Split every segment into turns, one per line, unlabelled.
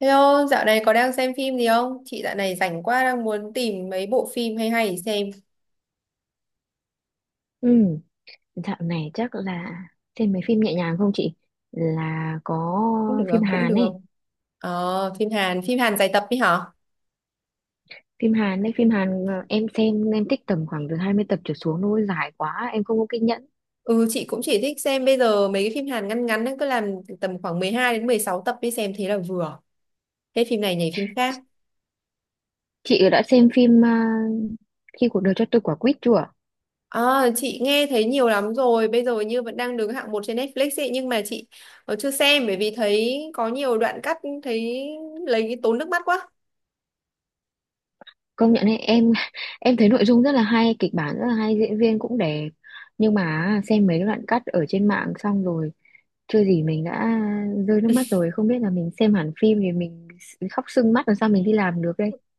Hello, dạo này có đang xem phim gì không? Chị dạo này rảnh quá đang muốn tìm mấy bộ phim hay hay để xem.
Ừ, dạo này chắc là xem mấy phim nhẹ nhàng không chị? Là có
Cũng được,
phim
cũng
Hàn
được.
ấy,
Phim Hàn dài tập đi hả?
phim Hàn đấy, phim Hàn em xem em thích tầm khoảng từ 20 tập trở xuống thôi, dài quá, em không có kiên nhẫn.
Ừ, chị cũng chỉ thích xem bây giờ mấy cái phim Hàn ngắn ngắn ấy, cứ làm tầm khoảng 12 đến 16 tập đi xem thế là vừa. Hết phim này nhảy phim khác.
Chị đã xem phim Khi cuộc đời cho tôi quả quýt chưa?
Ờ, chị nghe thấy nhiều lắm rồi, bây giờ như vẫn đang đứng hạng một trên Netflix ấy, nhưng mà chị chưa xem bởi vì thấy có nhiều đoạn cắt thấy lấy tốn nước mắt quá.
Công nhận ấy, em em thấy nội dung rất là hay, kịch bản rất là hay, diễn viên cũng đẹp. Nhưng mà xem mấy đoạn cắt ở trên mạng xong rồi chưa gì mình đã rơi nước mắt rồi, không biết là mình xem hẳn phim thì mình khóc sưng mắt làm sao mình đi làm được.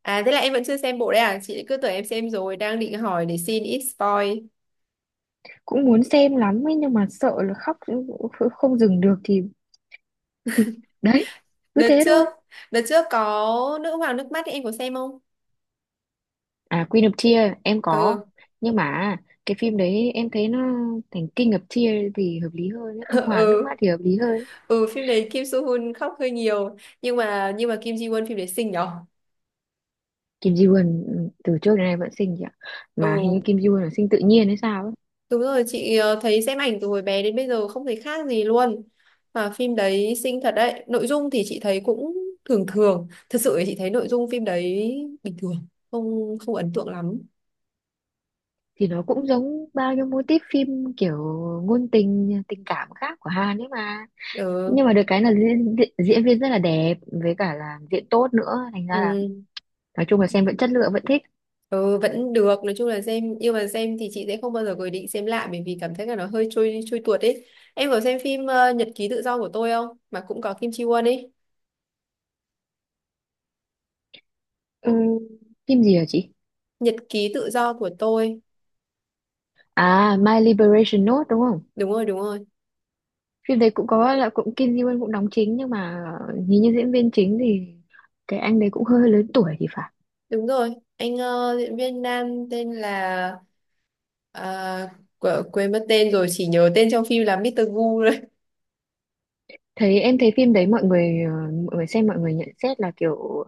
À, thế là em vẫn chưa xem bộ đấy à? Chị cứ tưởng em xem rồi, đang định hỏi để xin ít spoil.
Cũng muốn xem lắm ấy nhưng mà sợ là khóc không dừng được thì đấy, cứ
Đợt
thế
trước,
thôi.
đợt trước có Nữ hoàng nước mắt ấy, em có xem không?
À, Queen of Tears em có,
Ừ,
nhưng mà cái phim đấy em thấy nó thành King of Tears thì hợp lý hơn ấy. Ông Hoàng nước
ừ,
mắt thì hợp lý hơn.
ừ, phim đấy Kim Soo Hyun khóc hơi nhiều, nhưng mà Kim Ji Won phim đấy xinh nhở?
Kim Ji Won ừ, từ trước đến nay vẫn xinh chị ạ, mà hình
Ừ,
như Kim Ji Won là sinh tự nhiên hay sao ấy.
đúng rồi, chị thấy xem ảnh từ hồi bé đến bây giờ không thấy khác gì luôn. Mà phim đấy xinh thật đấy, nội dung thì chị thấy cũng thường thường, thật sự thì chị thấy nội dung phim đấy bình thường, không không ấn tượng lắm.
Thì nó cũng giống bao nhiêu mô típ phim kiểu ngôn tình tình cảm khác của Hàn ấy mà.
Ừ.
Nhưng mà được cái là diễn viên rất là đẹp với cả là diễn tốt nữa, thành ra
Ừ.
là nói chung là xem vẫn chất lượng, vẫn thích.
Ừ, vẫn được nói chung là xem, nhưng mà xem thì chị sẽ không bao giờ có ý định xem lại bởi vì cảm thấy là nó hơi trôi trôi tuột ấy. Em có xem phim Nhật ký tự do của tôi không, mà cũng có Kim Chi Won ấy?
Ừm, Phim gì hả chị?
Nhật ký tự do của tôi.
À, My Liberation Note đúng không?
Đúng rồi, đúng rồi,
Phim đấy cũng có là cũng Kim Ji Won cũng đóng chính, nhưng mà nhìn như diễn viên chính thì cái anh đấy cũng hơi, hơi lớn tuổi thì phải.
đúng rồi. Anh diễn viên nam tên là ờ, quên mất tên rồi, chỉ nhớ tên trong phim là Mr. Gu thôi.
Thấy em thấy phim đấy mọi người xem, mọi người nhận xét là kiểu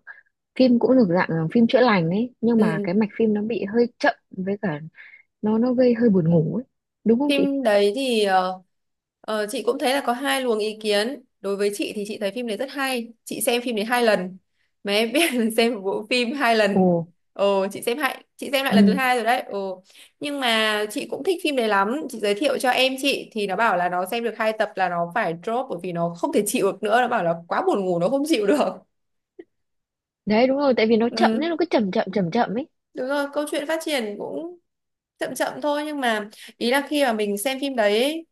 phim cũng được dạng là phim chữa lành ấy, nhưng mà cái
Ừ.
mạch phim nó bị hơi chậm, với cả nó gây hơi buồn ngủ ấy, đúng không chị?
Phim đấy thì chị cũng thấy là có hai luồng ý kiến. Đối với chị thì chị thấy phim đấy rất hay. Chị xem phim đấy hai lần. Mà em biết là xem một bộ phim hai
Ồ.
lần. Ồ, chị xem lại lần thứ
Ừ.
hai rồi đấy. Ồ. Nhưng mà chị cũng thích phim đấy lắm. Chị giới thiệu cho em chị thì nó bảo là nó xem được hai tập là nó phải drop bởi vì nó không thể chịu được nữa. Nó bảo là quá buồn ngủ nó không chịu được.
Đấy, đúng rồi, tại vì nó chậm nên
Ừ,
nó cứ chậm chậm chậm chậm ấy.
đúng rồi, câu chuyện phát triển cũng chậm chậm thôi, nhưng mà ý là khi mà mình xem phim đấy ấy,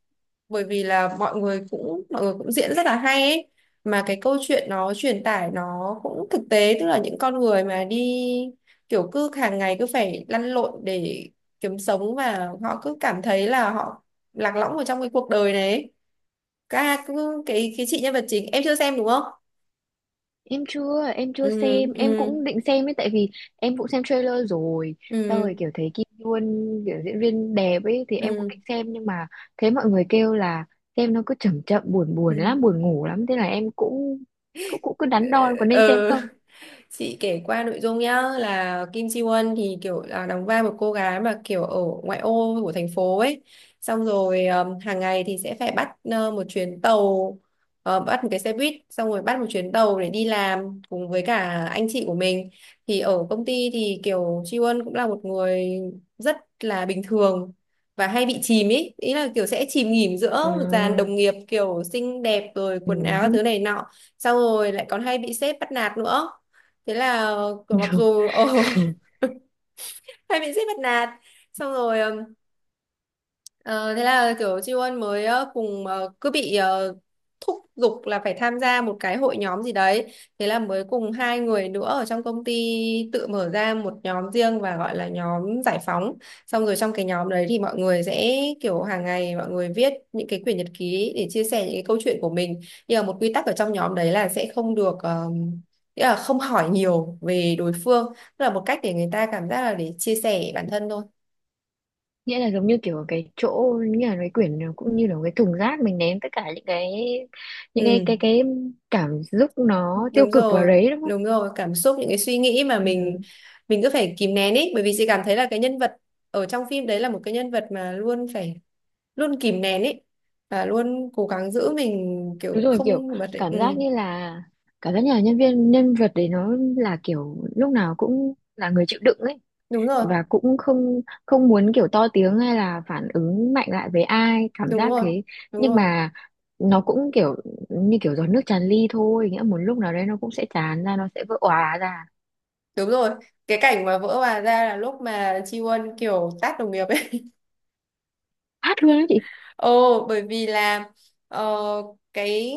bởi vì là mọi người cũng diễn rất là hay ấy, mà cái câu chuyện nó truyền tải nó cũng thực tế, tức là những con người mà đi kiểu cứ hàng ngày cứ phải lăn lộn để kiếm sống và họ cứ cảm thấy là họ lạc lõng ở trong cái cuộc đời này ấy. Các cứ cái chị nhân vật chính em chưa xem đúng không?
Em chưa, em
Ừ,
chưa xem, em
ừ,
cũng định xem ấy, tại vì em cũng xem trailer rồi. Sau
ừ,
rồi kiểu thấy Kim Yoon, kiểu diễn viên đẹp ấy thì em cũng
ừ,
định xem, nhưng mà thấy mọi người kêu là xem nó cứ chậm chậm buồn
ừ.
buồn
Ừ.
lắm, buồn ngủ lắm, thế là em cũng cũng cũng cứ đắn đo có nên xem
Ờ,
không.
chị kể qua nội dung nhá, là Kim Ji Won thì kiểu là đóng vai một cô gái mà kiểu ở ngoại ô của thành phố ấy, xong rồi hàng ngày thì sẽ phải bắt một chuyến tàu, bắt một cái xe buýt xong rồi bắt một chuyến tàu để đi làm cùng với cả anh chị của mình. Thì ở công ty thì kiểu Ji Won cũng là một người rất là bình thường và hay bị chìm ý ý là kiểu sẽ chìm nghỉm giữa dàn
À.
đồng nghiệp kiểu xinh đẹp rồi quần áo các
Ừ.
thứ này nọ, xong rồi lại còn hay bị sếp bắt nạt nữa. Thế là kiểu mặc dù ồ hay bị sếp bắt nạt, xong rồi Ờ, thế là kiểu Chi Won mới cùng cứ bị thúc giục là phải tham gia một cái hội nhóm gì đấy. Thế là mới cùng hai người nữa ở trong công ty tự mở ra một nhóm riêng và gọi là nhóm giải phóng. Xong rồi trong cái nhóm đấy thì mọi người sẽ kiểu hàng ngày mọi người viết những cái quyển nhật ký để chia sẻ những cái câu chuyện của mình. Nhưng mà một quy tắc ở trong nhóm đấy là sẽ không được nghĩa là không hỏi nhiều về đối phương. Tức là một cách để người ta cảm giác là để chia sẻ bản thân thôi.
Nghĩa là giống như kiểu cái chỗ, như là cái quyển nó cũng như là cái thùng rác mình ném tất cả những cái những cái
Ừ.
cái cái cảm xúc nó tiêu
Đúng
cực vào
rồi,
đấy, đúng không?
đúng rồi, cảm xúc những cái suy nghĩ mà
Ừ.
mình cứ phải kìm nén ý, bởi vì chị cảm thấy là cái nhân vật ở trong phim đấy là một cái nhân vật mà luôn phải luôn kìm nén ý và luôn cố gắng giữ mình
Đúng
kiểu
rồi, kiểu
không bật ấy. Ừ,
cảm giác như là cảm giác như là nhân vật đấy nó là kiểu lúc nào cũng là người chịu đựng ấy,
đúng rồi,
và cũng không không muốn kiểu to tiếng hay là phản ứng mạnh lại với ai, cảm
đúng
giác
rồi,
thế.
đúng
Nhưng
rồi,
mà nó cũng kiểu như kiểu giọt nước tràn ly thôi, nghĩa một lúc nào đấy nó cũng sẽ tràn ra, nó sẽ vỡ òa ra.
đúng rồi. Cái cảnh mà vỡ hòa ra là lúc mà Chi Won kiểu tát đồng nghiệp ấy.
Hát luôn đó chị.
Ồ, bởi vì là ờ, cái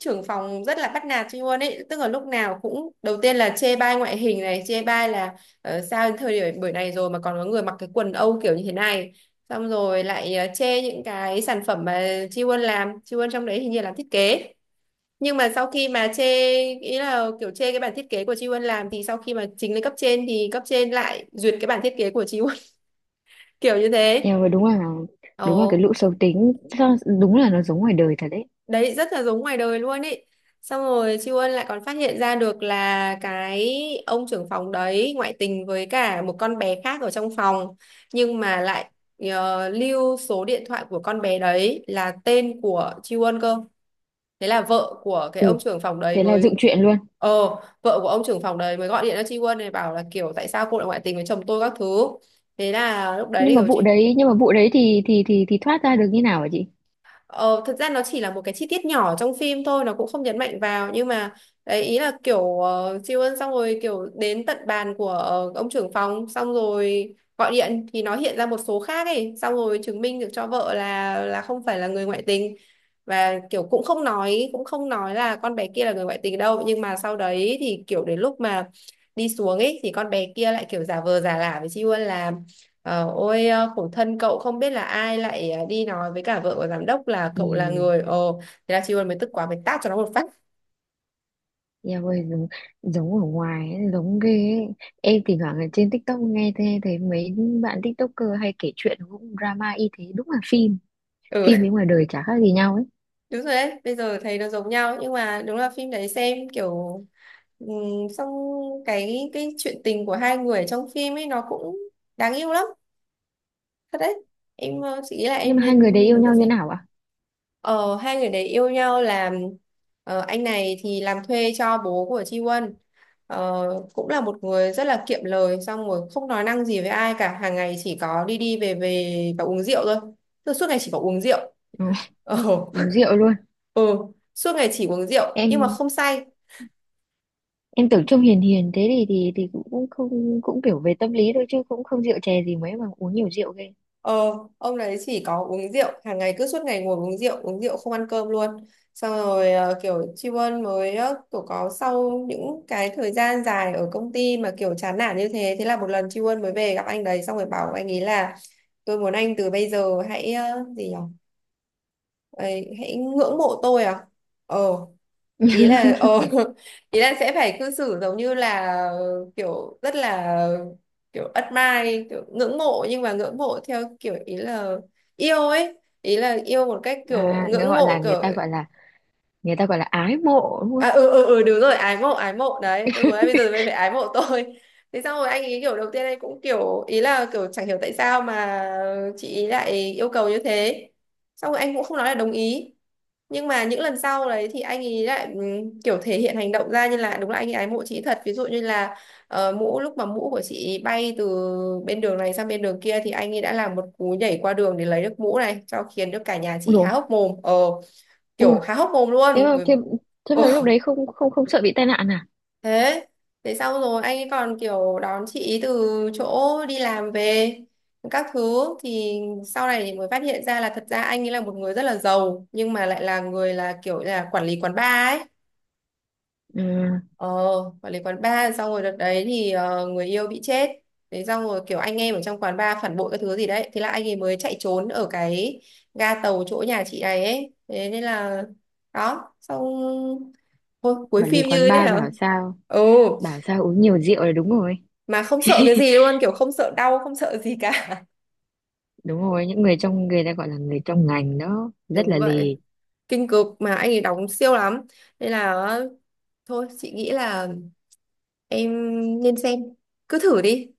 trưởng phòng rất là bắt nạt chị luôn ấy, tức là lúc nào cũng đầu tiên là chê bai ngoại hình này, chê bai là sao đến thời điểm buổi này rồi mà còn có người mặc cái quần âu kiểu như thế này. Xong rồi lại chê những cái sản phẩm mà Chi Won làm, Chi Won trong đấy hình như làm thiết kế. Nhưng mà sau khi mà chê, ý là kiểu chê cái bản thiết kế của Chi Won làm, thì sau khi mà trình lên cấp trên thì cấp trên lại duyệt cái bản thiết kế của Chi Won kiểu như thế.
Em ơi, đúng là cái
Ồ.
lũ xấu tính đúng là nó giống ngoài đời thật đấy.
Đấy rất là giống ngoài đời luôn ý. Xong rồi Siêu Ân lại còn phát hiện ra được là cái ông trưởng phòng đấy ngoại tình với cả một con bé khác ở trong phòng, nhưng mà lại lưu số điện thoại của con bé đấy là tên của Siêu Ân cơ. Thế là vợ của cái
Ừ,
ông trưởng phòng đấy
thế là dựng
mới
chuyện luôn.
ờ vợ của ông trưởng phòng đấy mới gọi điện cho Siêu Ân này, bảo là kiểu tại sao cô lại ngoại tình với chồng tôi các thứ. Thế là lúc đấy thì
Nhưng mà
kiểu
vụ
Chi
đấy, nhưng mà vụ đấy thì thoát ra được như nào hả chị?
Ờ, thật ra nó chỉ là một cái chi tiết nhỏ trong phim thôi, nó cũng không nhấn mạnh vào, nhưng mà đấy, ý là kiểu siêu ân xong rồi kiểu đến tận bàn của ông trưởng phòng xong rồi gọi điện thì nó hiện ra một số khác ấy, xong rồi chứng minh được cho vợ là không phải là người ngoại tình, và kiểu cũng không nói là con bé kia là người ngoại tình đâu. Nhưng mà sau đấy thì kiểu đến lúc mà đi xuống ấy, thì con bé kia lại kiểu giả vờ giả lả với Siêu Ân là Ôi, khổ thân cậu, không biết là ai lại đi nói với cả vợ của giám đốc là
Ý.
cậu là người. Ồ, thế là chị Huân mới tức quá mới tát cho nó một phát.
Eo ơi giống, giống ở ngoài ấy, giống ghê ấy. Em thỉnh thoảng ở trên TikTok nghe thấy, mấy bạn TikToker hay kể chuyện cũng drama y thế, đúng là phim, phim với
Ừ.
ngoài đời chả khác gì nhau ấy.
Đúng rồi đấy, bây giờ thấy nó giống nhau, nhưng mà đúng là phim đấy xem kiểu ừm, xong cái chuyện tình của hai người trong phim ấy nó cũng đáng yêu lắm, thật đấy. Em chị nghĩ là
Nhưng
em
mà hai người
nên
đấy yêu
nhìn ra
nhau như
xem.
nào ạ?
Ờ, hai người đấy yêu nhau là anh này thì làm thuê cho bố của Chi Won. Ờ, cũng là một người rất là kiệm lời, xong rồi không nói năng gì với ai cả, hàng ngày chỉ có đi đi về về và uống rượu thôi. Tức là suốt ngày chỉ có uống rượu
Ừ,
ờ.
uống rượu luôn.
Ừ. Suốt ngày chỉ uống rượu nhưng mà
em
không say.
em tưởng trông hiền hiền thế thì cũng cũng không cũng kiểu về tâm lý thôi, chứ cũng không rượu chè gì mấy mà uống nhiều rượu ghê.
Ờ, ông đấy chỉ có uống rượu, hàng ngày cứ suốt ngày ngồi uống rượu không ăn cơm luôn. Xong rồi kiểu Tri Ân mới kiểu có sau những cái thời gian dài ở công ty mà kiểu chán nản như thế, thế là một lần Tri Ân mới về gặp anh đấy xong rồi bảo anh ấy là tôi muốn anh từ bây giờ hãy gì nhỉ? Ấy, hãy ngưỡng mộ tôi à? Ờ, ý là ý là sẽ phải cư xử giống như là kiểu rất là kiểu admire, kiểu ngưỡng mộ, nhưng mà ngưỡng mộ theo kiểu ý là yêu ấy, ý là yêu một cách kiểu
À, người
ngưỡng
gọi là
mộ
người
kiểu.
ta gọi là người ta gọi là ái mộ đúng không?
À, ừ, ừ, ừ, đúng rồi, ái mộ, ái mộ đấy, tôi muốn anh bây giờ mới phải ái mộ tôi. Thế xong rồi anh ý kiểu đầu tiên anh cũng kiểu ý là kiểu chẳng hiểu tại sao mà chị ý lại yêu cầu như thế, xong rồi anh cũng không nói là đồng ý, nhưng mà những lần sau đấy thì anh ấy lại kiểu thể hiện hành động ra như là đúng là anh ấy ái mộ chị thật, ví dụ như là lúc mà mũ của chị bay từ bên đường này sang bên đường kia thì anh ấy đã làm một cú nhảy qua đường để lấy được mũ này cho, khiến được cả nhà
Ui
chị
rồi.
há hốc mồm
Ui dồi,
kiểu há hốc mồm
thế
luôn.
mà thế, thế mà
Ồ,
lúc đấy không không không sợ bị tai nạn à?
thế thế xong rồi anh ấy còn kiểu đón chị ý từ chỗ đi làm về các thứ, thì sau này thì mới phát hiện ra là thật ra anh ấy là một người rất là giàu nhưng mà lại là người là kiểu là quản lý quán bar ấy.
Ừ.
Ờ, quản lý quán bar, xong rồi đợt đấy thì người yêu bị chết. Đấy, xong rồi kiểu anh em ở trong quán bar phản bội cái thứ gì đấy. Thế là anh ấy mới chạy trốn ở cái ga tàu chỗ nhà chị này ấy. Thế nên là đó, xong. Ôi, cuối
Quản lý
phim như
quán
thế
bar bảo
nào.
sao,
Ừ,
bảo sao uống nhiều rượu là đúng rồi.
mà không sợ cái gì luôn, kiểu không sợ đau, không sợ gì cả.
Đúng rồi, những người trong, người ta gọi là người trong ngành đó rất
Đúng
là
vậy,
lì.
kinh cực mà anh ấy đóng siêu lắm. Nên là thôi chị nghĩ là em nên xem. Cứ thử đi,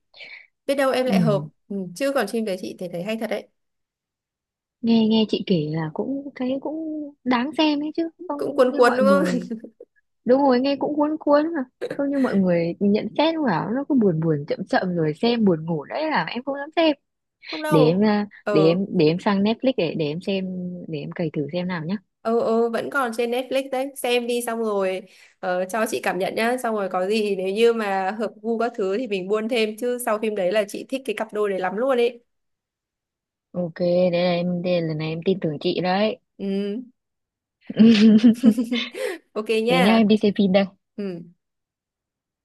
biết đâu em lại hợp.
Ừ.
Ừ, chứ còn phim đấy chị thấy thấy hay thật đấy.
nghe nghe chị kể là cũng thấy cũng đáng xem ấy chứ
Cũng
không
cuốn
như
cuốn
mọi
đúng không?
người. Đúng rồi, nghe cũng cuốn cuốn mà, không như mọi người nhận xét cũng bảo nó cứ buồn buồn chậm chậm rồi xem buồn ngủ, đấy là em không dám xem.
Không
để em
đâu.
à, để
ờ
em để em sang Netflix, để em xem. Để em cày thử xem nào nhá.
ờ Vẫn còn trên Netflix đấy, xem đi, xong rồi cho chị cảm nhận nhá, xong rồi có gì nếu như mà hợp gu các thứ thì mình buôn thêm, chứ sau phim đấy là chị thích cái cặp đôi đấy lắm luôn ấy.
OK. Đây là em đây, lần này em tin tưởng chị đấy.
Ừ. Ok
Thế nhá,
nha.
em đi xem phim đây.
Ừ.